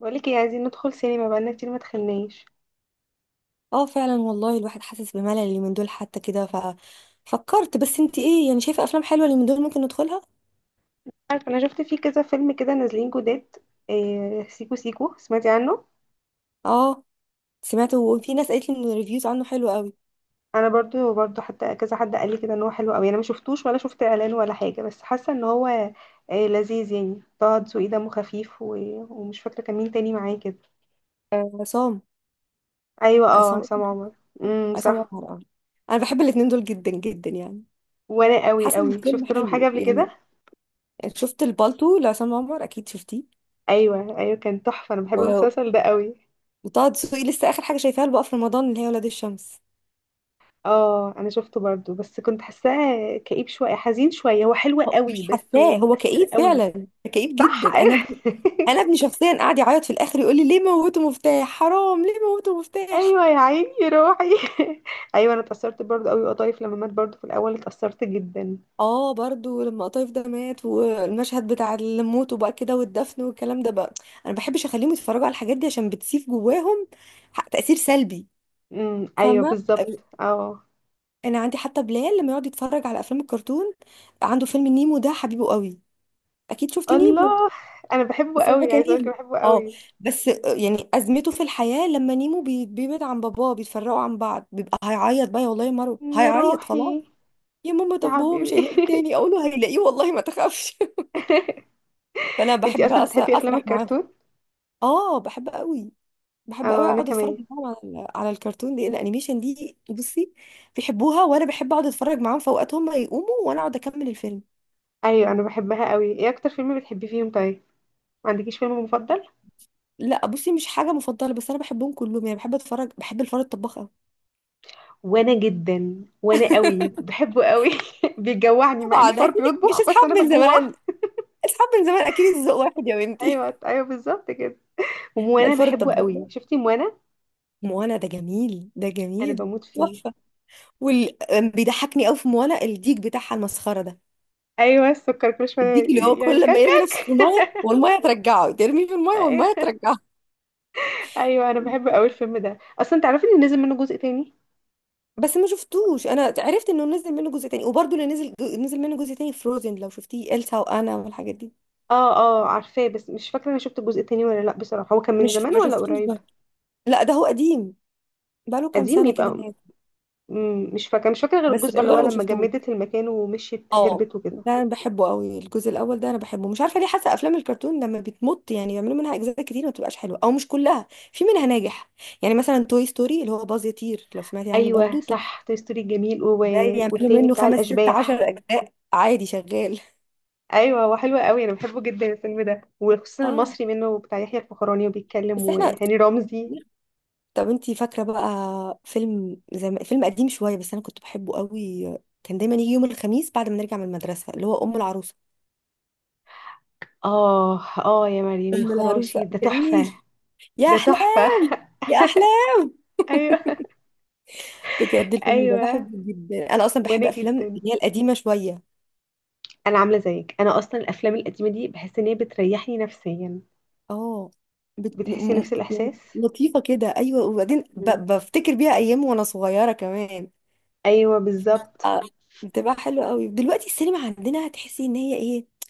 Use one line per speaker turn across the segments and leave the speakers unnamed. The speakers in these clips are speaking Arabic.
بقولك ايه؟ عايزين ندخل سينما بقالنا كتير ما دخلناش.
اه فعلا والله الواحد حاسس بملل اليومين دول حتى كده. ففكرت، بس انت ايه يعني؟ شايفه افلام حلوه اليومين دول ممكن ندخلها؟
عارف، انا شفت فيه كذا فيلم كده نازلين جداد. إيه سيكو سيكو، سمعتي عنه؟
اه سمعت، وفي ناس قالت لي ان الريفيوز عنه حلوه قوي.
انا برضو حتى كذا حد قال لي كده ان هو حلو قوي، انا ما شفتوش ولا شفت اعلان ولا حاجه، بس حاسه ان هو إيه، لذيذ يعني. طه دسوقي دمه خفيف ومش فاكره كان مين تاني معاه كده.
عصام.
ايوه اه،
عصام.
عصام عمر.
عصام
صح.
عمر. اه انا بحب الاتنين دول جدا جدا يعني.
وانا قوي
حاسه ان
قوي
الفيلم
شفت لهم حاجه
حلو
قبل
يعني.
كده.
شفت البالتو لعصام عمر؟ اكيد شفتيه.
ايوه ايوه، كان تحفه، انا بحب
و...
المسلسل ده قوي.
وطه دسوقي لسه اخر حاجه شايفاها له بقى في رمضان اللي هي ولاد الشمس.
اه انا شفته برضو، بس كنت حاساه كئيب شويه حزين شويه، هو حلو قوي
مش
بس.
حاساه هو كئيب
قوي.
فعلا؟ كئيب
صح،
جدا.
ايوه.
انا ابني شخصيا قاعد يعيط في الاخر، يقول لي ليه موتوا مفتاح، حرام ليه موتوا مفتاح.
ايوه يا عيني يا روحي. ايوه انا اتأثرت برضو قوي، وقطايف لما مات برضو في الاول اتأثرت جدا.
اه برضو لما قطايف ده مات، والمشهد بتاع الموت وبقى كده، والدفن والكلام ده بقى. انا بحبش اخليهم يتفرجوا على الحاجات دي عشان بتسيب جواهم تأثير سلبي.
ايوه
فاهمة
بالظبط،
ال-
اه.
انا عندي حتى بلال لما يقعد يتفرج على افلام الكرتون. عنده فيلم نيمو ده حبيبه قوي. اكيد شفتي نيمو؟
الله، انا بحبه
بس هو
قوي،
كان
عايزه اقولك
نيمو.
بحبه
اه.
قوي.
بس يعني ازمته في الحياه لما نيمو بيبعد عن باباه، بيتفرقوا عن بعض، بيبقى هيعيط بقى يا والله يا مارو،
يا
هيعيط خلاص.
روحي.
يا ماما
يا
طب هو مش
حبيبي.
هيلاقي التاني؟ اقول له هيلاقيه والله، ما تخافش. فانا
انتي
بحب
اصلا بتحبي افلام
اسرح معاهم.
الكرتون؟
اه بحب قوي. بحب قوي
اه انا
اقعد اتفرج
كمان.
معاهم على على الكرتون دي، الانيميشن دي. بصي بيحبوها، وانا بحب اقعد اتفرج معاهم، في اوقات هم يقوموا وانا اقعد اكمل الفيلم.
ايوه انا بحبها قوي. ايه اكتر فيلم بتحبي فيهم طيب؟ ما عندكيش فيلم مفضل؟
لا بصي مش حاجه مفضله، بس انا بحبهم كلهم يعني. بحب اتفرج، بحب الفار الطباخ قوي.
وانا جدا، وانا قوي بحبه قوي. بيجوعني مع
طبعا
انه فار
اكيد مش
بيطبخ، بس
اصحاب
انا
من
بجوع.
زمان. اصحاب من زمان اكيد الذوق واحد يا بنتي.
ايوه ايوه بالظبط كده.
لا
وموانا
الفار
بحبه
الطباخ
قوي،
ده.
شفتي موانا؟
موانا ده جميل، ده
انا
جميل.
بموت فيه.
تحفه. وال... بيضحكني قوي في موانا الديك بتاعها المسخره ده.
ايوه السكر كل
الديك
شويه.
اللي هو
يعمل
كل لما
كاكا.
يرمي نفسه في الميه والميه ترجعه، ترميه في الميه والميه
ايوه.
ترجعه.
ايوه انا بحب قوي الفيلم ده اصلا. تعرفي ان نزل منه جزء تاني؟
بس ما شفتوش. انا عرفت انه نزل منه جزء تاني، وبرضه اللي نزل نزل منه جزء تاني فروزن، لو شفتيه إلسا وانا والحاجات دي.
اه اه، عارفاه، بس مش فاكره انا شفت الجزء التاني ولا لا بصراحه. هو كان من
مش
زمان
ما
ولا
شفتوش
قريب؟
برضه. لا ده هو قديم. بقاله كام
قديم
سنه كده
يبقى.
هناك.
مش فاكره، مش فاكره غير
بس
الجزء اللي
برضه
هو
انا ما
لما
شفتوش.
جمدت المكان ومشيت
اه
هربت وكده.
ده انا بحبه قوي، الجزء الاول ده انا بحبه. مش عارفه ليه حاسه افلام الكرتون لما بتمط يعني بيعملوا منها اجزاء كتير، ما بتبقاش حلوه، او مش كلها، في منها ناجح. يعني مثلا توي ستوري اللي هو باز يطير، لو سمعتي عنه
ايوه
برضه،
صح، توي ستوري جميل
ده يعملوا
والتاني
منه
بتاع
خمس ست
الاشباح.
عشر اجزاء عادي شغال.
ايوه هو حلو قوي، انا بحبه جدا الفيلم ده، وخصوصا
اه
المصري منه بتاع يحيى الفخراني وبيتكلم
بس احنا
وهاني رمزي.
طب انتي فاكره بقى فيلم فيلم قديم شويه بس انا كنت بحبه قوي. كان دايما يجي يوم الخميس بعد ما نرجع من المدرسه، اللي هو ام العروسه.
اه اه يا مريم يا
ام
خراشي،
العروسه
ده تحفه.
جميل. يا
ده تحفه.
احلام. يا احلام.
ايوه.
بجد الفيلم ده
ايوه
بحبه جدا، انا اصلا بحب
وانا
افلام
جدا.
اللي هي القديمه شويه.
انا عامله زيك، انا اصلا الافلام القديمه دي بحس ان هي بتريحني نفسيا.
اه
بتحسي نفس
يعني
الاحساس.
لطيفه كده، ايوه. وبعدين
مم.
بفتكر بيها ايام وانا صغيره كمان.
ايوه بالظبط
آه، بتبقى حلوه قوي. دلوقتي السينما عندنا هتحسي ان هي ايه،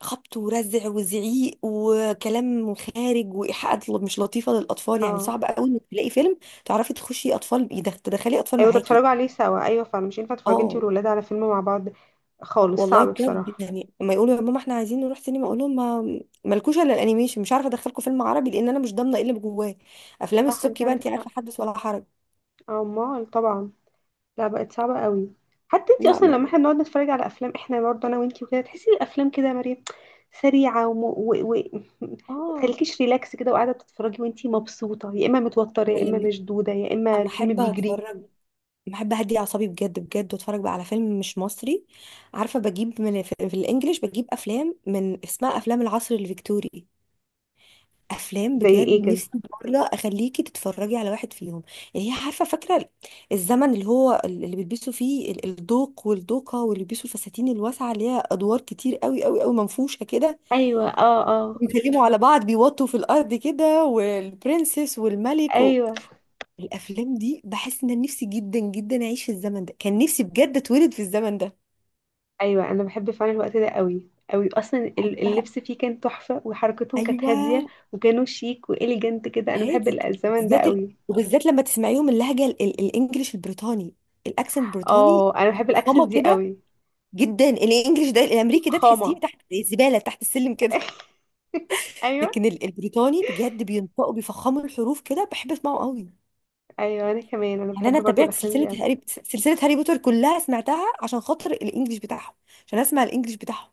خبط ورزع وزعيق وكلام خارج وايحاءات مش لطيفه للاطفال، يعني
اه.
صعب قوي انك تلاقي فيلم تعرفي تخشي اطفال، تدخلي اطفال
ايوه
معاكي.
تتفرجوا عليه سوا، ايوه فعلا مش ينفع تتفرجي انتي
اه
والولاد على فيلم مع بعض خالص،
والله
صعب
بجد،
بصراحه.
يعني لما يقولوا يا ماما احنا عايزين نروح سينما، اقول لهم ما مالكوش الا الانيميشن، مش عارفه ادخلكم فيلم عربي لان انا مش ضامنه ايه اللي جواه. افلام
صح، انتي
السبكي بقى انت
عندك حق.
عارفه، حدث ولا حرج.
اه، امال طبعا. لا بقت صعبه قوي. حتى انتي
لا
اصلا
ما
لما احنا بنقعد نتفرج على افلام احنا برضه انا وانتي وكده، تحسي الافلام كده يا مريم سريعه. ما
اه
تخليكيش ريلاكس كده وقاعده بتتفرجي وانتي مبسوطه، يا اما متوتره، يا
انا
اما
لما
مشدوده، يا اما
اما
الفيلم
احب
بيجري.
اتفرج، لما احب اهدي اعصابي بجد بجد، واتفرج بقى على فيلم مش مصري، عارفه؟ بجيب من في الانجليش، بجيب افلام من اسمها افلام العصر الفيكتوري. افلام
زي
بجد
ايه كده؟
نفسي مره اخليكي تتفرجي على واحد فيهم يعني. هي عارفه فاكره الزمن اللي هو اللي بيلبسوا فيه الدوق والدوقه، واللي بيلبسوا الفساتين الواسعه، اللي هي ادوار كتير قوي قوي قوي، منفوشه كده.
ايوه اه اه.
بيكلموا على بعض بيوطوا في الارض كده، والبرنسس والملك
ايوه
الافلام دي بحس ان أنا نفسي جدا جدا اعيش في الزمن ده. كان نفسي بجد اتولد في الزمن ده.
ايوه انا بحب فعلا الوقت ده قوي. قوي اصلا،
بحبها.
اللبس فيه كان تحفه وحركتهم كانت هاديه.
ايوه
وكانوا شيك واليجنت كده، انا بحب
هادي.
الزمن ده
بالذات ال...
قوي.
وبالذات لما تسمعيهم اللهجه الانجليش البريطاني، الاكسنت البريطاني.
اه انا بحب الاكسنت
ماما
دي
كده،
قوي.
جدا. الانجليش ده الامريكي ده تحسيه
فخامه.
تحت، زي الزباله تحت السلم كده.
ايوه.
لكن البريطاني بجد بينطقوا بيفخموا الحروف كده، بحب اسمعه قوي.
ايوه انا كمان، انا
يعني
بحب
انا
برضو
تابعت
الافلام دي قوي.
سلسله هاري بوتر كلها، سمعتها عشان خاطر الانجليش بتاعهم، عشان اسمع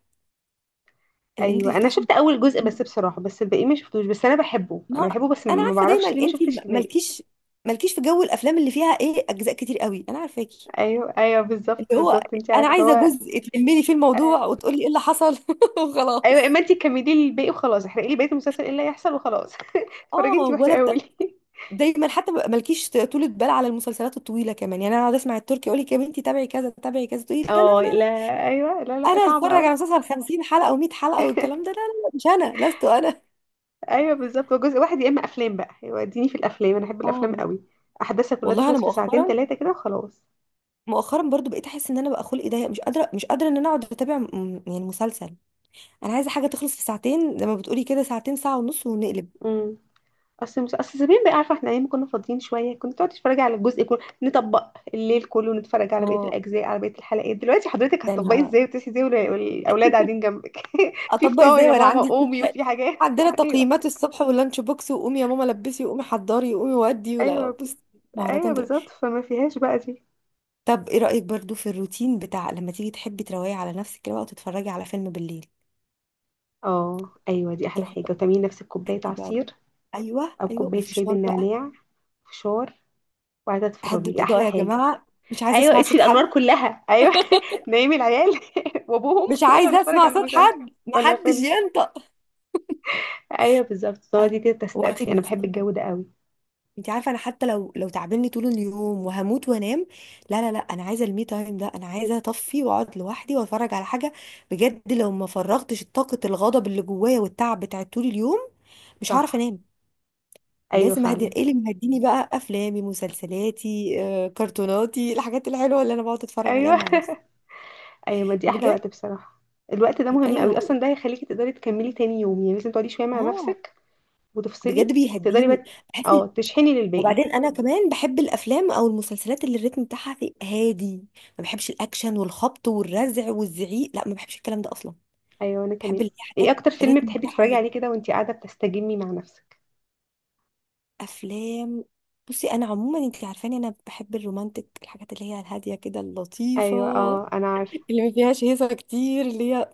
ايوه
الانجليش
انا
بتاعهم.
شفت اول جزء بس بصراحه، بس الباقي ما شفتوش، بس انا بحبه، انا
ما
بحبه، بس
انا
ما
عارفه دايما
بعرفش ليه ما
انت
شفتش الباقي.
مالكيش مالكيش في جو الافلام اللي فيها ايه، اجزاء كتير قوي، انا عارفاكي.
ايوه ايوه بالظبط
اللي هو
بالظبط، انت
انا
عارفه
عايزه
هو
جزء تلمني في
آه،
الموضوع وتقولي ايه اللي حصل
ايوه.
وخلاص.
اما انت كملي لي الباقي وخلاص، احرقي لي بقيه المسلسل ايه اللي هيحصل وخلاص. اتفرجي
اه
انت واحرقي لي.
دايما حتى مالكيش طولة بال على المسلسلات الطويله كمان يعني. انا اقعد اسمع التركي، يقول لك يا بنتي تابعي كذا تابعي كذا، تقولي لا لا لا
اه
لا.
لا. ايوه لا لا،
انا
صعب
اتفرج
قوي.
على مسلسل 50 حلقه و100 حلقه والكلام ده؟ لا لا لا، مش انا، لست انا.
ايوه بالظبط، هو جزء واحد يا اما افلام بقى. يوديني في الافلام، انا احب الافلام
اه
قوي، احداثها كلها
والله انا
تخلص في ساعتين ثلاثه كده وخلاص.
مؤخرا برضو بقيت احس ان انا بقى خلقي ضيق، مش قادره مش قادره ان انا اقعد اتابع يعني مسلسل. انا عايزه حاجه تخلص في ساعتين، زي ما بتقولي كده، ساعتين، ساعه ونص ونقلب.
امم اصل مش، اصل زمان بقى عارفه احنا ايام كنا فاضيين شويه، كنت تقعد تتفرج على الجزء كله، نطبق الليل كله ونتفرج على بقيه
اه
الاجزاء على بقيه الحلقات. دلوقتي حضرتك
يعني،
هتطبقي ازاي وتصحي ازاي والاولاد قاعدين جنبك. في
اطبق
فطار
ازاي
يا
وانا
ماما
عندي
قومي
الصبح؟
وفي حاجات.
عندنا
ايوه.
تقييمات الصبح واللانش بوكس، وقومي يا ماما لبسي، وقومي حضري، وقومي ودي، ولا
ايوه
بص.
ايوه
مهرجان
بالظبط،
دلوقتي.
فما فيهاش بقى دي.
طب ايه رأيك برضو في الروتين بتاع لما تيجي تحبي تروقي على نفسك كده بقى، وتتفرجي على فيلم بالليل؟
اه ايوه، دي احلى
تروحي
حاجه،
بقى،
وتعملي نفسك كوبايه
هدي بقى.
عصير
ايوه
او
ايوه،
كوبايه شاي
وفشار بقى.
بالنعناع. فشار. وقاعده تتفرجي،
هدوا
ده
الاضاءة
احلى
يا
حاجه.
جماعة، مش عايزة
ايوه،
اسمع
اطفي
صوت حد،
الانوار كلها، ايوه. نايم العيال وابوهم،
مش
يلا
عايزة
نتفرج
اسمع
على
صوت
المسلسل.
حد،
ولا
محدش
فيلم.
ينطق.
ايوه بالظبط، تقعدي كده
وقتي
تسترخي، انا بحب
المفضل.
الجو ده قوي.
انت عارفه انا حتى لو تعبني طول اليوم وهموت وانام، لا لا لا، انا عايزه المي تايم ده، انا عايزه اطفي واقعد لوحدي واتفرج على حاجه. بجد لو ما فرغتش طاقه الغضب اللي جوايا والتعب بتاع طول اليوم، مش هعرف
صح.
انام.
ايوه
لازم اهدي،
فعلا.
ايه اللي مهديني بقى؟ افلامي، مسلسلاتي، كرتوناتي، الحاجات الحلوه اللي انا بقعد اتفرج عليها
ايوه.
مع نفسي
ايوه ما دي احلى
بجد.
وقت بصراحه. الوقت ده مهم قوي
ايوه.
اصلا، ده هيخليكي تقدري تكملي تاني يوم، يعني لازم تقعدي شويه مع
اه
نفسك
بجد
وتفصلي. تقدري
بيهديني.
بقى
بحس
اه، تشحني للباقي.
وبعدين انا كمان بحب الافلام او المسلسلات اللي الريتم بتاعها هادي. ما بحبش الاكشن والخبط والرزع والزعيق، لا ما بحبش الكلام ده اصلا.
ايوه انا
بحب
كمان.
اللي هي
ايه
حاجات
اكتر فيلم
ريتم
بتحبي
بتاعها
تتفرجي
هادي.
عليه كده وانتي قاعده بتستجمي مع نفسك؟
افلام، بصي انا عموما انت عارفاني انا بحب الرومانتك، الحاجات اللي هي الهاديه كده، اللطيفه،
ايوه اه انا عارفه.
اللي ما فيهاش هيصه كتير، اللي هي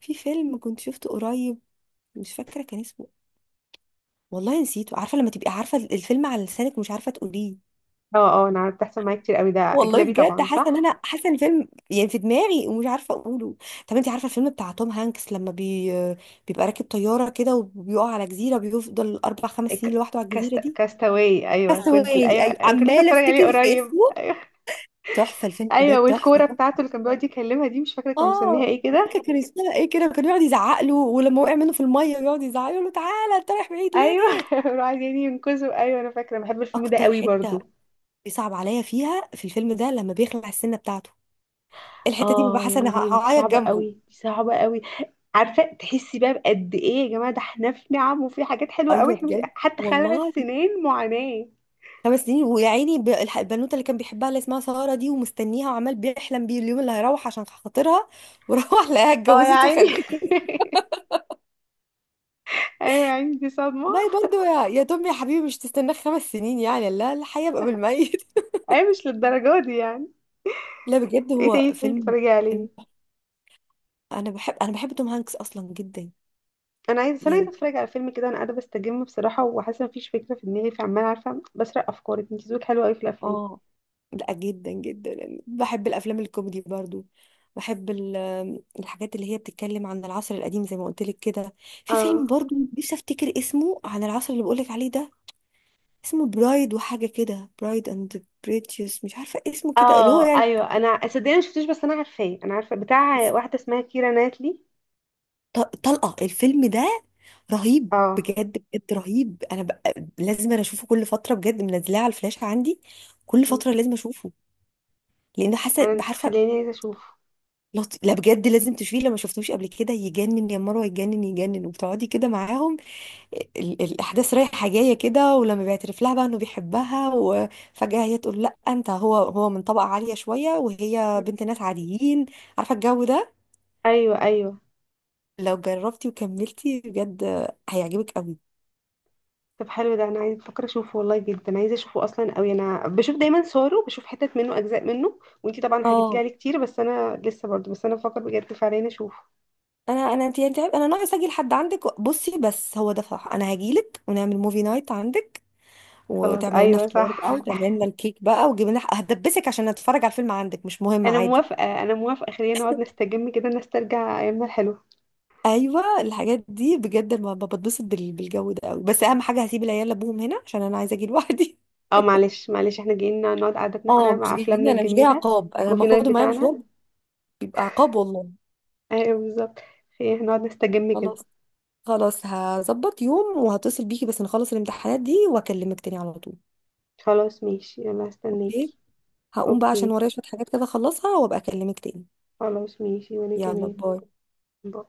في فيلم كنت شفته قريب، مش فاكره كان اسمه، والله نسيته. عارفه لما تبقي عارفه الفيلم على لسانك ومش عارفه تقوليه؟
اه اه انا عارفه، بتحصل معايا كتير قوي. ده
والله
اجنبي
بجد
طبعا
حاسه ان
صح؟
انا حاسه ان الفيلم يعني في دماغي ومش عارفه اقوله. طب انت عارفه الفيلم بتاع توم هانكس، لما بيبقى راكب طياره كده وبيقع على جزيره، بيفضل اربع خمس سنين
ك-
لوحده على
كاست،
الجزيره دي؟
كاستاوي، ايوه
كاستاوي،
كنت، ايوه
ايوه،
انا كنت لسه
عماله
اتفرج عليه
افتكر في
قريب.
اسمه. تحفه الفيلم ده،
ايوه،
تحفه
والكوره
تحفة.
بتاعته اللي كان بيقعد يكلمها دي، مش فاكره كان مسميها
اه
ايه كده.
فاكره كان اسمها ايه كده، كان يقعد يزعق له، ولما وقع منه في الميه يقعد يزعق له، تعالى انت رايح بعيد
ايوه.
ليه.
راح عايزين ينقذوا. ايوه انا فاكره، بحب الفيلم ده
اكتر
قوي
حته
برضو.
بيصعب عليا فيها في الفيلم ده لما بيخلع السنه بتاعته، الحته دي ببقى
اه يا
حاسه ان
مريم دي
هعيط
صعبه
جنبه.
قوي، دي صعبه قوي. عارفه تحسي بقى بقد ايه يا جماعه، ده احنا في نعم وفي حاجات حلوه قوي،
ايوه
احنا مش
بجد
حتى خلع
والله.
السنين معاناه.
خمس سنين، ويا عيني البنوته اللي كان بيحبها اللي اسمها ساره دي، ومستنيها، وعمال بيحلم بيه اليوم اللي هيروح عشان خاطرها، وروح لقاها
اه يا
اتجوزت
عيني.
وخلفت.
ايوه يا عيني، دي صدمه.
باي برضو يا توم يا حبيبي، مش تستناك خمس سنين يعني؟ لا الحياه بقى بالميت.
اي مش للدرجة دي يعني.
لا بجد
ايه
هو
تاني بتحبي
فيلم.
تتفرجي
فيلم،
عليه؟
انا بحب، انا بحب توم هانكس اصلا جدا
انا عايزه، بس انا عايزه
يعني.
اتفرج على فيلم كده، انا قاعده بستجم بصراحه وحاسه مفيش فكره في دماغي، فعماله عارفه بسرق افكارك، انت ذوقك حلو قوي في الافلام.
اه لا جدا جدا يعني بحب الافلام الكوميدي برضو. بحب الحاجات اللي هي بتتكلم عن العصر القديم زي ما قلت لك كده. في
اه
فيلم برضو نفسي افتكر اسمه، عن العصر اللي بقولك عليه ده، اسمه برايد وحاجة كده، برايد اند بريتيوس، مش عارفة اسمه كده، اللي هو
اه
يعني.
ايوه. انا صدقني ما شفتوش، بس انا عارفاه، انا عارفه بتاع واحده اسمها كيرا ناتلي.
طلقة الفيلم ده، رهيب
اه.
بجد، بجد رهيب. انا بقى لازم انا اشوفه كل فترة بجد، منزلاه على الفلاشة عندي، كل
م.
فترة لازم اشوفه. لان حاسة
انا، انت
بعارفة.
مخليني عايزه اشوفه.
لا بجد لازم تشوفيه، لما شفتوش قبل كده، يجنن يا مروة يجنن يجنن، وبتقعدي كده معاهم الاحداث رايحه جايه كده، ولما بيعترف لها بقى انه بيحبها، وفجاه هي تقول لا انت هو من طبقه عاليه شويه
م.
وهي بنت ناس عاديين. عارفه الجو ده؟
ايوه ايوه.
لو جربتي وكملتي بجد هيعجبك قوي.
طب حلو ده، انا عايزه، بفكر اشوفه والله، جدا عايزه اشوفه اصلا قوي، انا بشوف دايما صوره، بشوف حتت منه اجزاء منه، وانتي طبعا حكيتي لي
اه
عليه كتير، بس انا لسه برضه، بس انا بفكر بجد فعليا اشوفه.
انا انا انت انت انا ناقص اجي لحد عندك، بصي بس هو ده صح. انا هجيلك ونعمل موفي نايت عندك،
خلاص
وتعمل لنا
ايوه
فطار بقى،
صح.
وتعمل لنا الكيك بقى، وتجيب لنا هدبسك عشان اتفرج على الفيلم عندك، مش مهم
انا
عادي.
موافقه، انا موافقه، خلينا نقعد نستجم كده، نسترجع ايامنا الحلوه.
ايوه الحاجات دي بجد ما بتبسط بالجو ده قوي، بس اهم حاجه هسيب العيال لابوهم هنا عشان انا عايزه اجي لوحدي.
اه معلش معلش، احنا جايين نقعد قعدتنا
اه
احنا
مش
مع
جايين،
افلامنا
انا مش جايه
الجميله.
عقاب. انا لما
موفي نايت
اخده معايا
بتاعنا.
مشوار بيبقى عقاب والله.
ايوه بالظبط. خلينا إحنا نقعد نستجم كده.
خلاص. خلاص هظبط يوم وهتصل بيكي، بس نخلص الامتحانات دي واكلمك تاني على طول.
خلاص ماشي، يلا
اوكي.
هستناكي.
هقوم بقى عشان
اوكي.
ورايا شويه حاجات كده اخلصها، وابقى اكلمك تاني.
خلاص ماشي، وانا
يلا،
كمان.
باي.
باي.